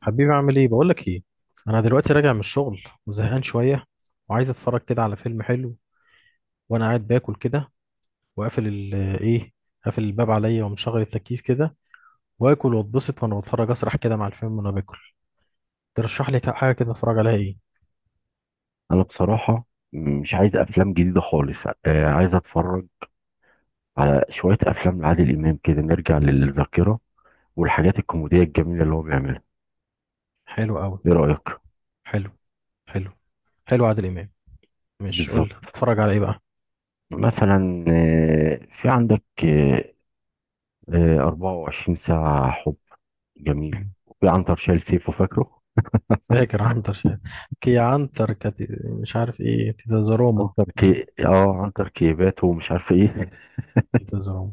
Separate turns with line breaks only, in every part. حبيبي، عامل ايه؟ بقول لك ايه، انا دلوقتي راجع من الشغل وزهقان شويه وعايز اتفرج كده على فيلم حلو، وانا قاعد باكل كده وقافل ال ايه، قافل الباب عليا ومشغل التكييف كده، واكل واتبسط وانا بتفرج اسرح كده مع الفيلم وانا باكل. ترشح لي حاجه كده اتفرج عليها ايه؟
انا بصراحه مش عايز افلام جديده خالص. عايز اتفرج على شويه افلام لعادل امام كده نرجع للذاكره، والحاجات الكوميديه الجميله اللي هو بيعملها.
حلو قوي.
ايه رايك؟
حلو. حلو. حلو عادل امام. ماشي، قول لي
بالظبط.
اتفرج على ايه بقى؟
مثلا في عندك 24 ساعه حب جميل، وفي عنتر شايل سيفه، فاكره؟
فاكر عنتر كي عنتر كت... مش عارف ايه تيتا زروما.
عنتر
مم.
كي اه عنتر كيبات ومش عارف ايه.
تيتا زروما.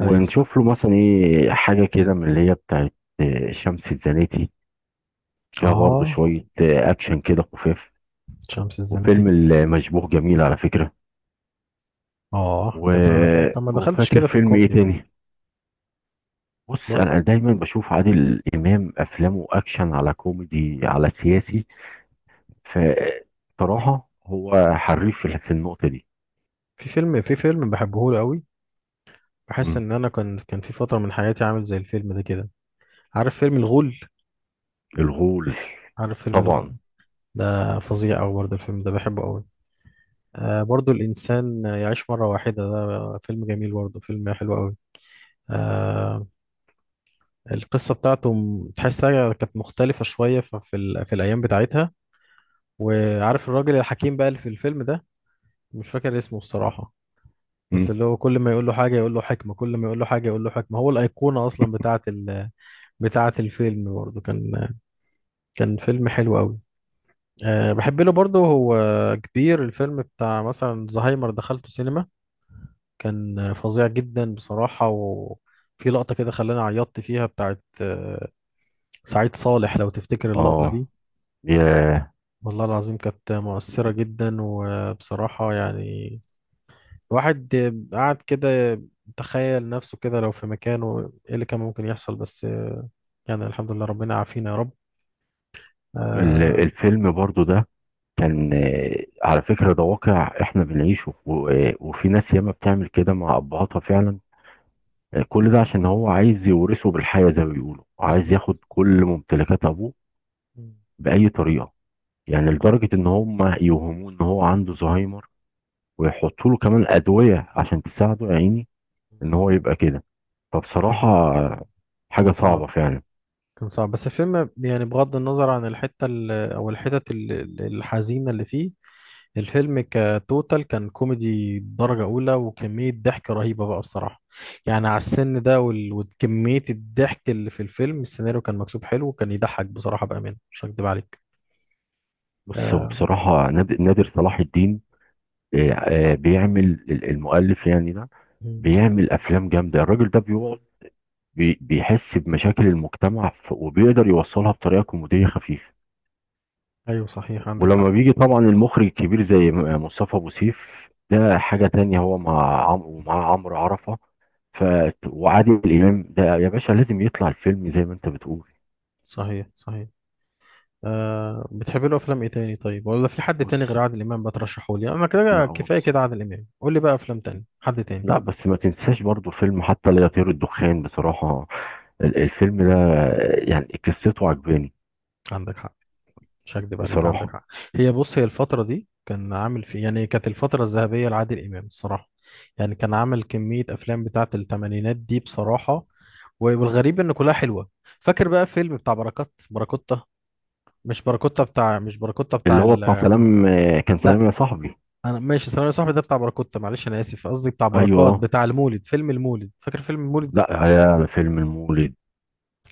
ايوه صح.
له مثلا ايه حاجه كده من اللي هي بتاعت شمس الزناتي. فيها برضه
اه،
شويه اكشن كده خفاف.
شمس الزناتي.
وفيلم المشبوه جميل على فكرة.
اه،
و...
انت ده انت ما دخلتش
وفاكر
كده في
فيلم ايه
الكوميدي بقى؟
تاني؟ بص،
بقول-
انا دايما بشوف عادل امام، افلامه اكشن على كوميدي على سياسي. فصراحة هو حريف في النقطة دي.
في فيلم بحبه له قوي. بحس
مم.
ان انا كان في فتره من حياتي عامل زي الفيلم ده كده. عارف فيلم الغول؟
الغول.
عارف فيلم الغول؟
طبعا.
ده فظيع قوي برضه الفيلم ده بحبه قوي. آه، برضه الانسان يعيش مره واحده، ده فيلم جميل برضه، فيلم حلو قوي. آه. القصه بتاعته تحسها كانت مختلفه شويه في الايام بتاعتها. وعارف الراجل الحكيم بقى اللي في الفيلم ده، مش فاكر اسمه الصراحه، بس
مم.
اللي هو كل ما يقول له حاجة يقول له حكمة، كل ما يقول له حاجة يقول له حكمة. هو الأيقونة أصلا بتاعة الفيلم برضه. كان فيلم حلو قوي. أه، بحب له برضه هو كبير الفيلم بتاع مثلا زهايمر، دخلته سينما، كان فظيع جدا بصراحة. وفي لقطة كده خلاني عيطت فيها بتاعة سعيد صالح، لو تفتكر اللقطة
اه،
دي.
يا
والله العظيم كانت مؤثرة جدا، وبصراحة يعني واحد قعد كده تخيل نفسه كده لو في مكانه، ايه اللي كان ممكن يحصل؟ بس يعني الحمد لله ربنا عافينا يا رب. آه.
الفيلم برضو ده كان على فكرة، ده واقع احنا بنعيشه، وفي ناس ياما بتعمل كده مع ابهاتها فعلا. كل ده عشان هو عايز يورثه بالحياة زي ما بيقولوا، عايز
بالظبط.
ياخد كل ممتلكات أبوه
مم.
بأي طريقة. يعني
صح.
لدرجة إن هم يوهموه إن هو عنده زهايمر، ويحطوا له كمان أدوية عشان تساعده يا عيني
مم.
إن هو يبقى كده.
صحيح.
فبصراحة
كان
حاجة
صعب،
صعبة فعلا.
كان صعب بس الفيلم، يعني بغض النظر عن الحتة أو الحتت الحزينة اللي فيه، الفيلم كتوتال كان كوميدي درجة أولى، وكمية ضحك رهيبة بقى بصراحة. يعني على السن ده وكمية الضحك اللي في الفيلم، السيناريو كان مكتوب حلو وكان يضحك بصراحة، بأمانة مش هكدب عليك.
بص، هو
آه.
بصراحة نادر صلاح الدين، بيعمل المؤلف يعني ده،
مم.
بيعمل أفلام جامدة. الراجل ده بيقعد بيحس بمشاكل المجتمع، وبيقدر يوصلها بطريقة كوميدية خفيفة.
ايوه صحيح، عندك حق.
ولما بيجي طبعا المخرج الكبير زي مصطفى ابو سيف، ده حاجه تانية. هو مع عمرو ومع عمرو عرفه. ف، وعادل امام ده يا باشا لازم يطلع الفيلم زي ما انت بتقول.
صحيح. صحيح. آه، بتحب له افلام ايه تاني؟ طيب ولا في حد
بص،
تاني غير عادل امام بترشحه لي؟ انا
لا
كده
هو
كفايه
بص،
كده عادل امام، قول لي بقى افلام تاني حد تاني.
لا بس ما تنساش برضو فيلم حتى لا يطير الدخان. بصراحه، الفيلم ده يعني قصته عجباني.
عندك حق، مش هكدب عليك، عندك
بصراحه.
حق. هي بص، هي الفتره دي كان عامل في، يعني كانت الفتره الذهبيه لعادل امام الصراحه. يعني كان عامل كميه افلام بتاعه الثمانينات دي بصراحه، والغريب ان كلها حلوه. فاكر بقى فيلم بتاع بركات؟ بركوتة، مش بركوتة، بتاع، مش بركوتة
اللي
بتاع
هو بتاع سلام، كان
لا،
سلام يا صاحبي.
انا ماشي ثانوي يا صاحبي، ده بتاع بركوت، معلش انا اسف، قصدي بتاع بركات
ايوه،
بتاع المولد، فيلم المولد، فاكر فيلم المولد؟
لا يا فيلم المولد،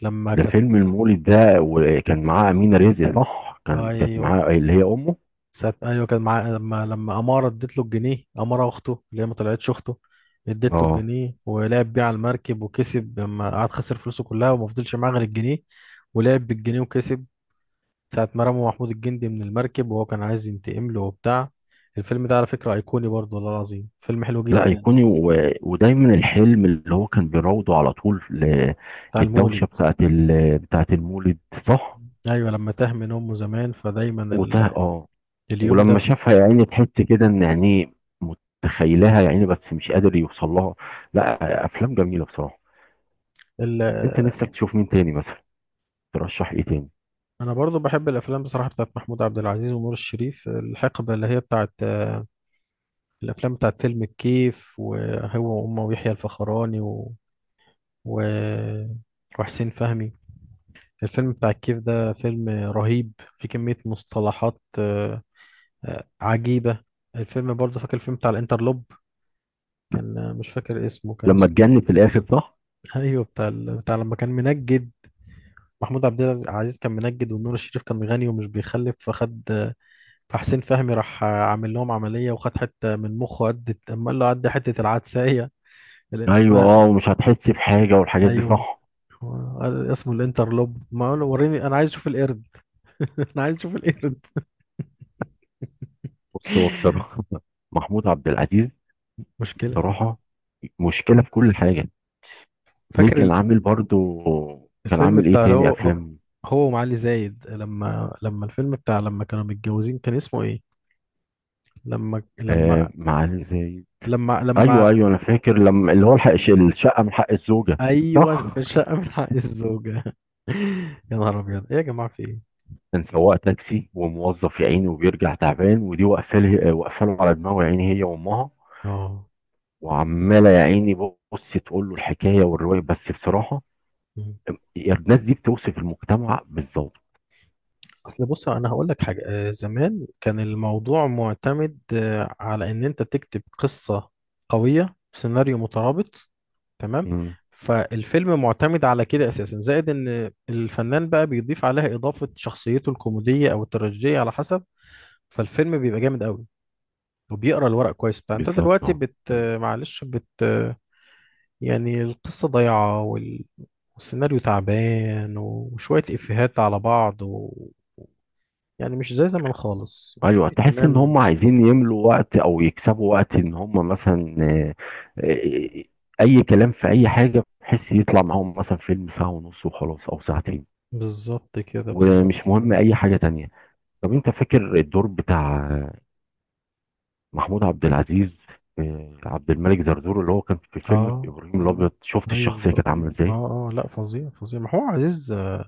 لما
ده
كانت،
فيلم المولد ده، وكان معاه أمينة رزق، صح، كانت
ايوه
معاه اللي هي أمه.
سات، ايوه كان مع لما اماره اديت له الجنيه، اماره اخته اللي هي ما طلعتش اخته، اديت له
اه.
الجنيه ولعب بيه على المركب وكسب، لما قعد خسر فلوسه كلها وما فضلش معاه غير الجنيه، ولعب بالجنيه وكسب ساعة ما رموا محمود الجندي من المركب، وهو كان عايز ينتقم له وبتاع. الفيلم ده على فكرة أيقوني برضه، والله العظيم فيلم حلو
لا
جدا.
أيقوني. و... ودايما الحلم اللي هو كان بيراوده على طول،
بتاع
الدوشة
المولد.
بتاعت بتاعت المولد. صح.
أيوة، لما تاه من أمه زمان فدايما
وده، اه.
اليوم ده
ولما
في
شافها يا عيني تحس كده إن، يعني، متخيلها يا عيني بس مش قادر يوصل لها. لا، أفلام جميلة بصراحة.
ال...
أنت نفسك تشوف مين تاني مثلا؟ ترشح إيه تاني؟
انا برضو بحب الافلام بصراحه بتاعت محمود عبد العزيز ونور الشريف، الحقبه اللي هي بتاعت الافلام بتاعت فيلم الكيف وهو وامه ويحيى الفخراني و... وحسين فهمي. الفيلم بتاع الكيف ده فيلم رهيب، في كميه مصطلحات عجيبه. الفيلم برضو، فاكر الفيلم بتاع الانترلوب؟ كان مش فاكر اسمه كان
لما
اسمه.
تجنن في الآخر، صح؟
ايوه، بتاع بتاع لما كان منجد. محمود عبد العزيز كان منجد ونور الشريف كان غني ومش بيخلف فخد، فحسين فهمي راح عامل لهم عملية وخد حتة من مخه قد أما قال له عدي حتة العدسية اللي
أيوه،
اسمها.
اه، ومش هتحس بحاجة والحاجات دي،
أيوه.
صح.
قال اسمه الانترلوب، ما قال له وريني أنا عايز أشوف القرد. أنا عايز أشوف القرد.
بص، هو بصراحة محمود عبد العزيز،
مشكلة.
صراحة مشكلة في كل حاجة. ليه
فاكر
كان عامل برضو؟ كان
الفيلم
عامل ايه
بتاع اللي
تاني
هو هو
افلام؟
هو ومعالي زايد، لما الفيلم بتاع لما كانوا متجوزين كان اسمه إيه؟ لما لما
آه، مع زي.
لما
ايوه
لما
ايوه، انا فاكر، لما اللي هو الحق الشقة من حق الزوجة.
أيوه، في
صح.
الشقة من حق الزوجة. يا نهار أبيض، إيه يا جماعة في إيه؟
كان سواق تاكسي وموظف يا عيني، وبيرجع تعبان، ودي واقفه واقفه له على دماغه يا عيني، هي وامها.
آه.
وعماله يا عيني بص تقول له الحكايه والروايه، بس بصراحه، الناس دي بتوصف المجتمع بالظبط.
اصل بص، انا هقول لك حاجه، زمان كان الموضوع معتمد على ان انت تكتب قصه قويه، سيناريو مترابط، تمام.
امم.
فالفيلم معتمد على كده اساسا، زائد ان الفنان بقى بيضيف عليها اضافه شخصيته الكوميديه او التراجيديه على حسب، فالفيلم بيبقى جامد قوي، وبيقرا الورق كويس بتاع. انت
بالظبط،
دلوقتي
اه.
بت آه،
أيوة.
معلش بت آه، يعني القصه ضايعه والسيناريو تعبان، وشويه افيهات على بعض، يعني مش زي زمان خالص، وفي
ايوه، تحس ان هم
اهتمام.
عايزين يملوا وقت او يكسبوا وقت، ان هم مثلا آه، اي كلام في اي حاجه، بحيث يطلع معاهم مثلا فيلم ساعه ونص وخلاص او ساعتين.
بالظبط كده بالظبط.
ومش مهم اي حاجه تانية. طب انت فاكر الدور بتاع محمود عبد العزيز، عبد الملك زرزور، اللي هو كان في فيلم
اه.
ابراهيم الابيض؟ شفت
ايوه
الشخصيه
بقى.
كانت عامله ازاي؟
اه، اه، لا فظيع فظيع محمود عزيز.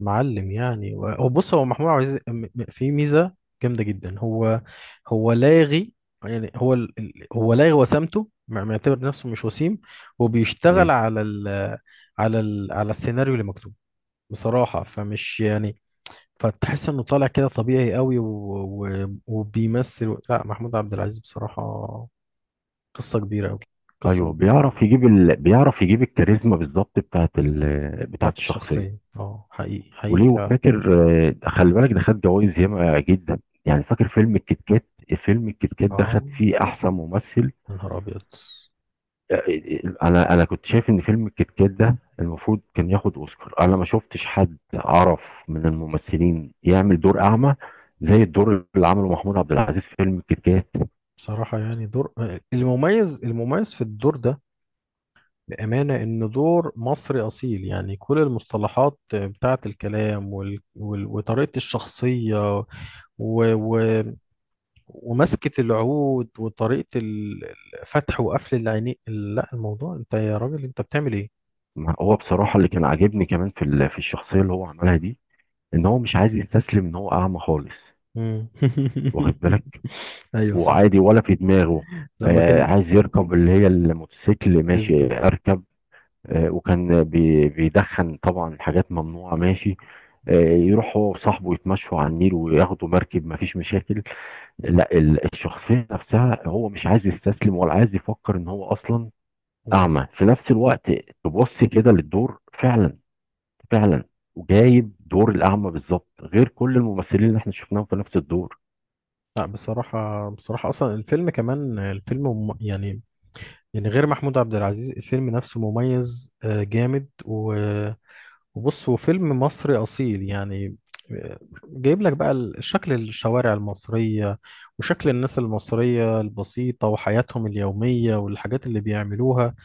معلم يعني. هو بص، هو محمود عزيز في ميزه جامده جدا. هو لاغي. يعني هو لاغي، وسامته معتبر نفسه مش وسيم، وبيشتغل
مم.
على السيناريو اللي مكتوب بصراحه، فمش يعني، فتحس انه طالع كده طبيعي قوي وبيمثل. لا، محمود عبد العزيز بصراحه قصة كبيرة أوي، قصة
ايوه،
كبيرة
بيعرف
أوي.
يجيب بيعرف يجيب الكاريزما بالظبط بتاعت بتاعت
بتاعت
الشخصيه.
الشخصية، اه حقيقي حقيقي
وليه،
فعلا.
وفاكر، خلي بالك ده خد جوائز ياما جدا، يعني فاكر فيلم الكيت كات؟ فيلم الكيت كات ده
اه.
خد فيه احسن ممثل.
يا نهار أبيض.
انا كنت شايف ان فيلم الكيت كات ده المفروض كان ياخد اوسكار. انا ما شفتش حد عرف من الممثلين يعمل دور اعمى زي الدور اللي عمله محمود عبد العزيز في فيلم الكيت كات.
بصراحة يعني دور، المميز المميز في الدور ده، بأمانة إن دور مصري أصيل. يعني كل المصطلحات بتاعت الكلام وطريقة الشخصية و... و... ومسكة العود وطريقة الفتح وقفل العينين. لا الموضوع، أنت يا راجل أنت بتعمل إيه؟
ما هو بصراحه اللي كان عاجبني كمان في الشخصيه اللي هو عملها دي، ان هو مش عايز يستسلم ان هو اعمى خالص.
مم.
واخد بالك؟
ايوه صح.
وعادي، ولا في دماغه.
لما كان.
عايز يركب اللي هي الموتوسيكل،
اسبه.
ماشي اركب. وكان بيدخن طبعا حاجات ممنوعة، ماشي. يروح هو وصاحبه يتمشوا على النيل وياخدوا مركب، مفيش مشاكل. لا، الشخصية نفسها هو مش عايز يستسلم ولا عايز يفكر ان هو اصلا
مم.
اعمى في نفس الوقت. تبص كده للدور فعلا، فعلا. وجايب دور الاعمى بالظبط غير كل الممثلين اللي احنا شفناهم في نفس الدور.
لا بصراحة بصراحة أصلا الفيلم كمان الفيلم يعني، يعني غير محمود عبد العزيز الفيلم نفسه مميز، جامد وبص هو فيلم مصري أصيل يعني. آه، جايب لك بقى شكل الشوارع المصرية، وشكل الناس المصرية البسيطة وحياتهم اليومية والحاجات اللي بيعملوها.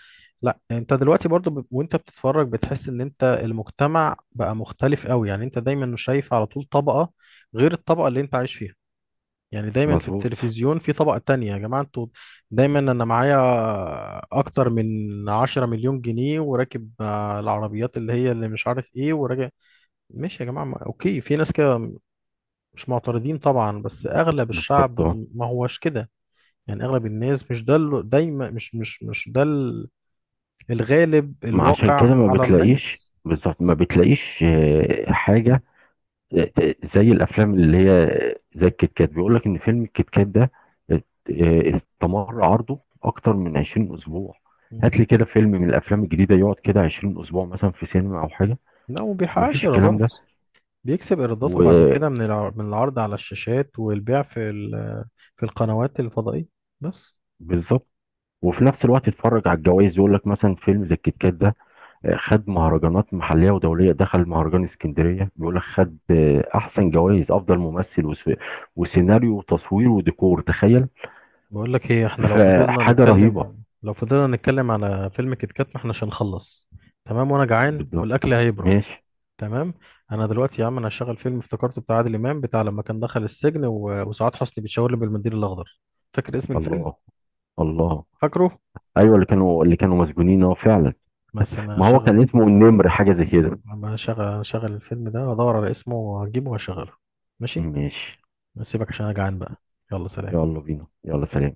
لا انت دلوقتي برضو وانت بتتفرج بتحس ان انت المجتمع بقى مختلف قوي، يعني انت دايما شايف على طول طبقة غير الطبقة اللي انت عايش فيها، يعني دايما في
مظبوط.
التلفزيون في طبقة تانية. يا جماعة انتوا، دايما انا معايا اكتر من 10 مليون جنيه وراكب العربيات اللي هي اللي مش عارف ايه وراجع. ماشي يا جماعة، اوكي في ناس كده، مش معترضين طبعا، بس اغلب
بالظبط.
الشعب ما هوش كده. يعني اغلب الناس مش ده دايما مش ده الغالب
ما عشان
الواقع
كده ما
على
بتلاقيش
الناس.
بالظبط، ما بتلاقيش حاجة زي الأفلام اللي هي، زي الكيت كات، بيقول لك إن فيلم الكيت كات ده آه، استمر عرضه أكتر من 20 أسبوع. هات
مم.
لي كده فيلم من الأفلام الجديدة يقعد كده 20 أسبوع مثلا في سينما أو حاجة.
لا وما بيحققش
مفيش الكلام ده.
ايرادات، بيكسب ايراداته بعد كده
وبالظبط.
من من العرض على الشاشات والبيع في في القنوات الفضائية بس.
وفي نفس الوقت اتفرج على الجوائز، يقول لك مثلا فيلم زي الكيت كات ده، خد مهرجانات محليه ودوليه، دخل مهرجان اسكندريه، بيقول لك خد احسن جوائز، افضل ممثل، وسيناريو وتصوير وديكور، تخيل.
بقول لك ايه، احنا لو فضلنا
فحاجه رهيبه.
نتكلم، لو فضلنا نتكلم على فيلم كيت كات ما احنا مش هنخلص. تمام، وانا جعان
بالظبط.
والاكل هيبرد.
ماشي.
تمام. انا دلوقتي يا عم انا هشغل فيلم افتكرته بتاع عادل امام، بتاع لما كان دخل السجن وسعاد حسني بيتشاور بالمنديل الاخضر، فاكر اسم الفيلم؟
الله، الله.
فاكره.
ايوه، اللي كانوا مسجونين، اه، فعلا.
بس انا
ما هو
هشغل.
كان اسمه النمر حاجه زي كده.
لما هشغل الفيلم ده هدور على اسمه وهجيبه وهشغله. ماشي.
ماشي.
سيبك عشان انا جعان بقى. يلا سلام.
يلا بينا، يلا، سلام.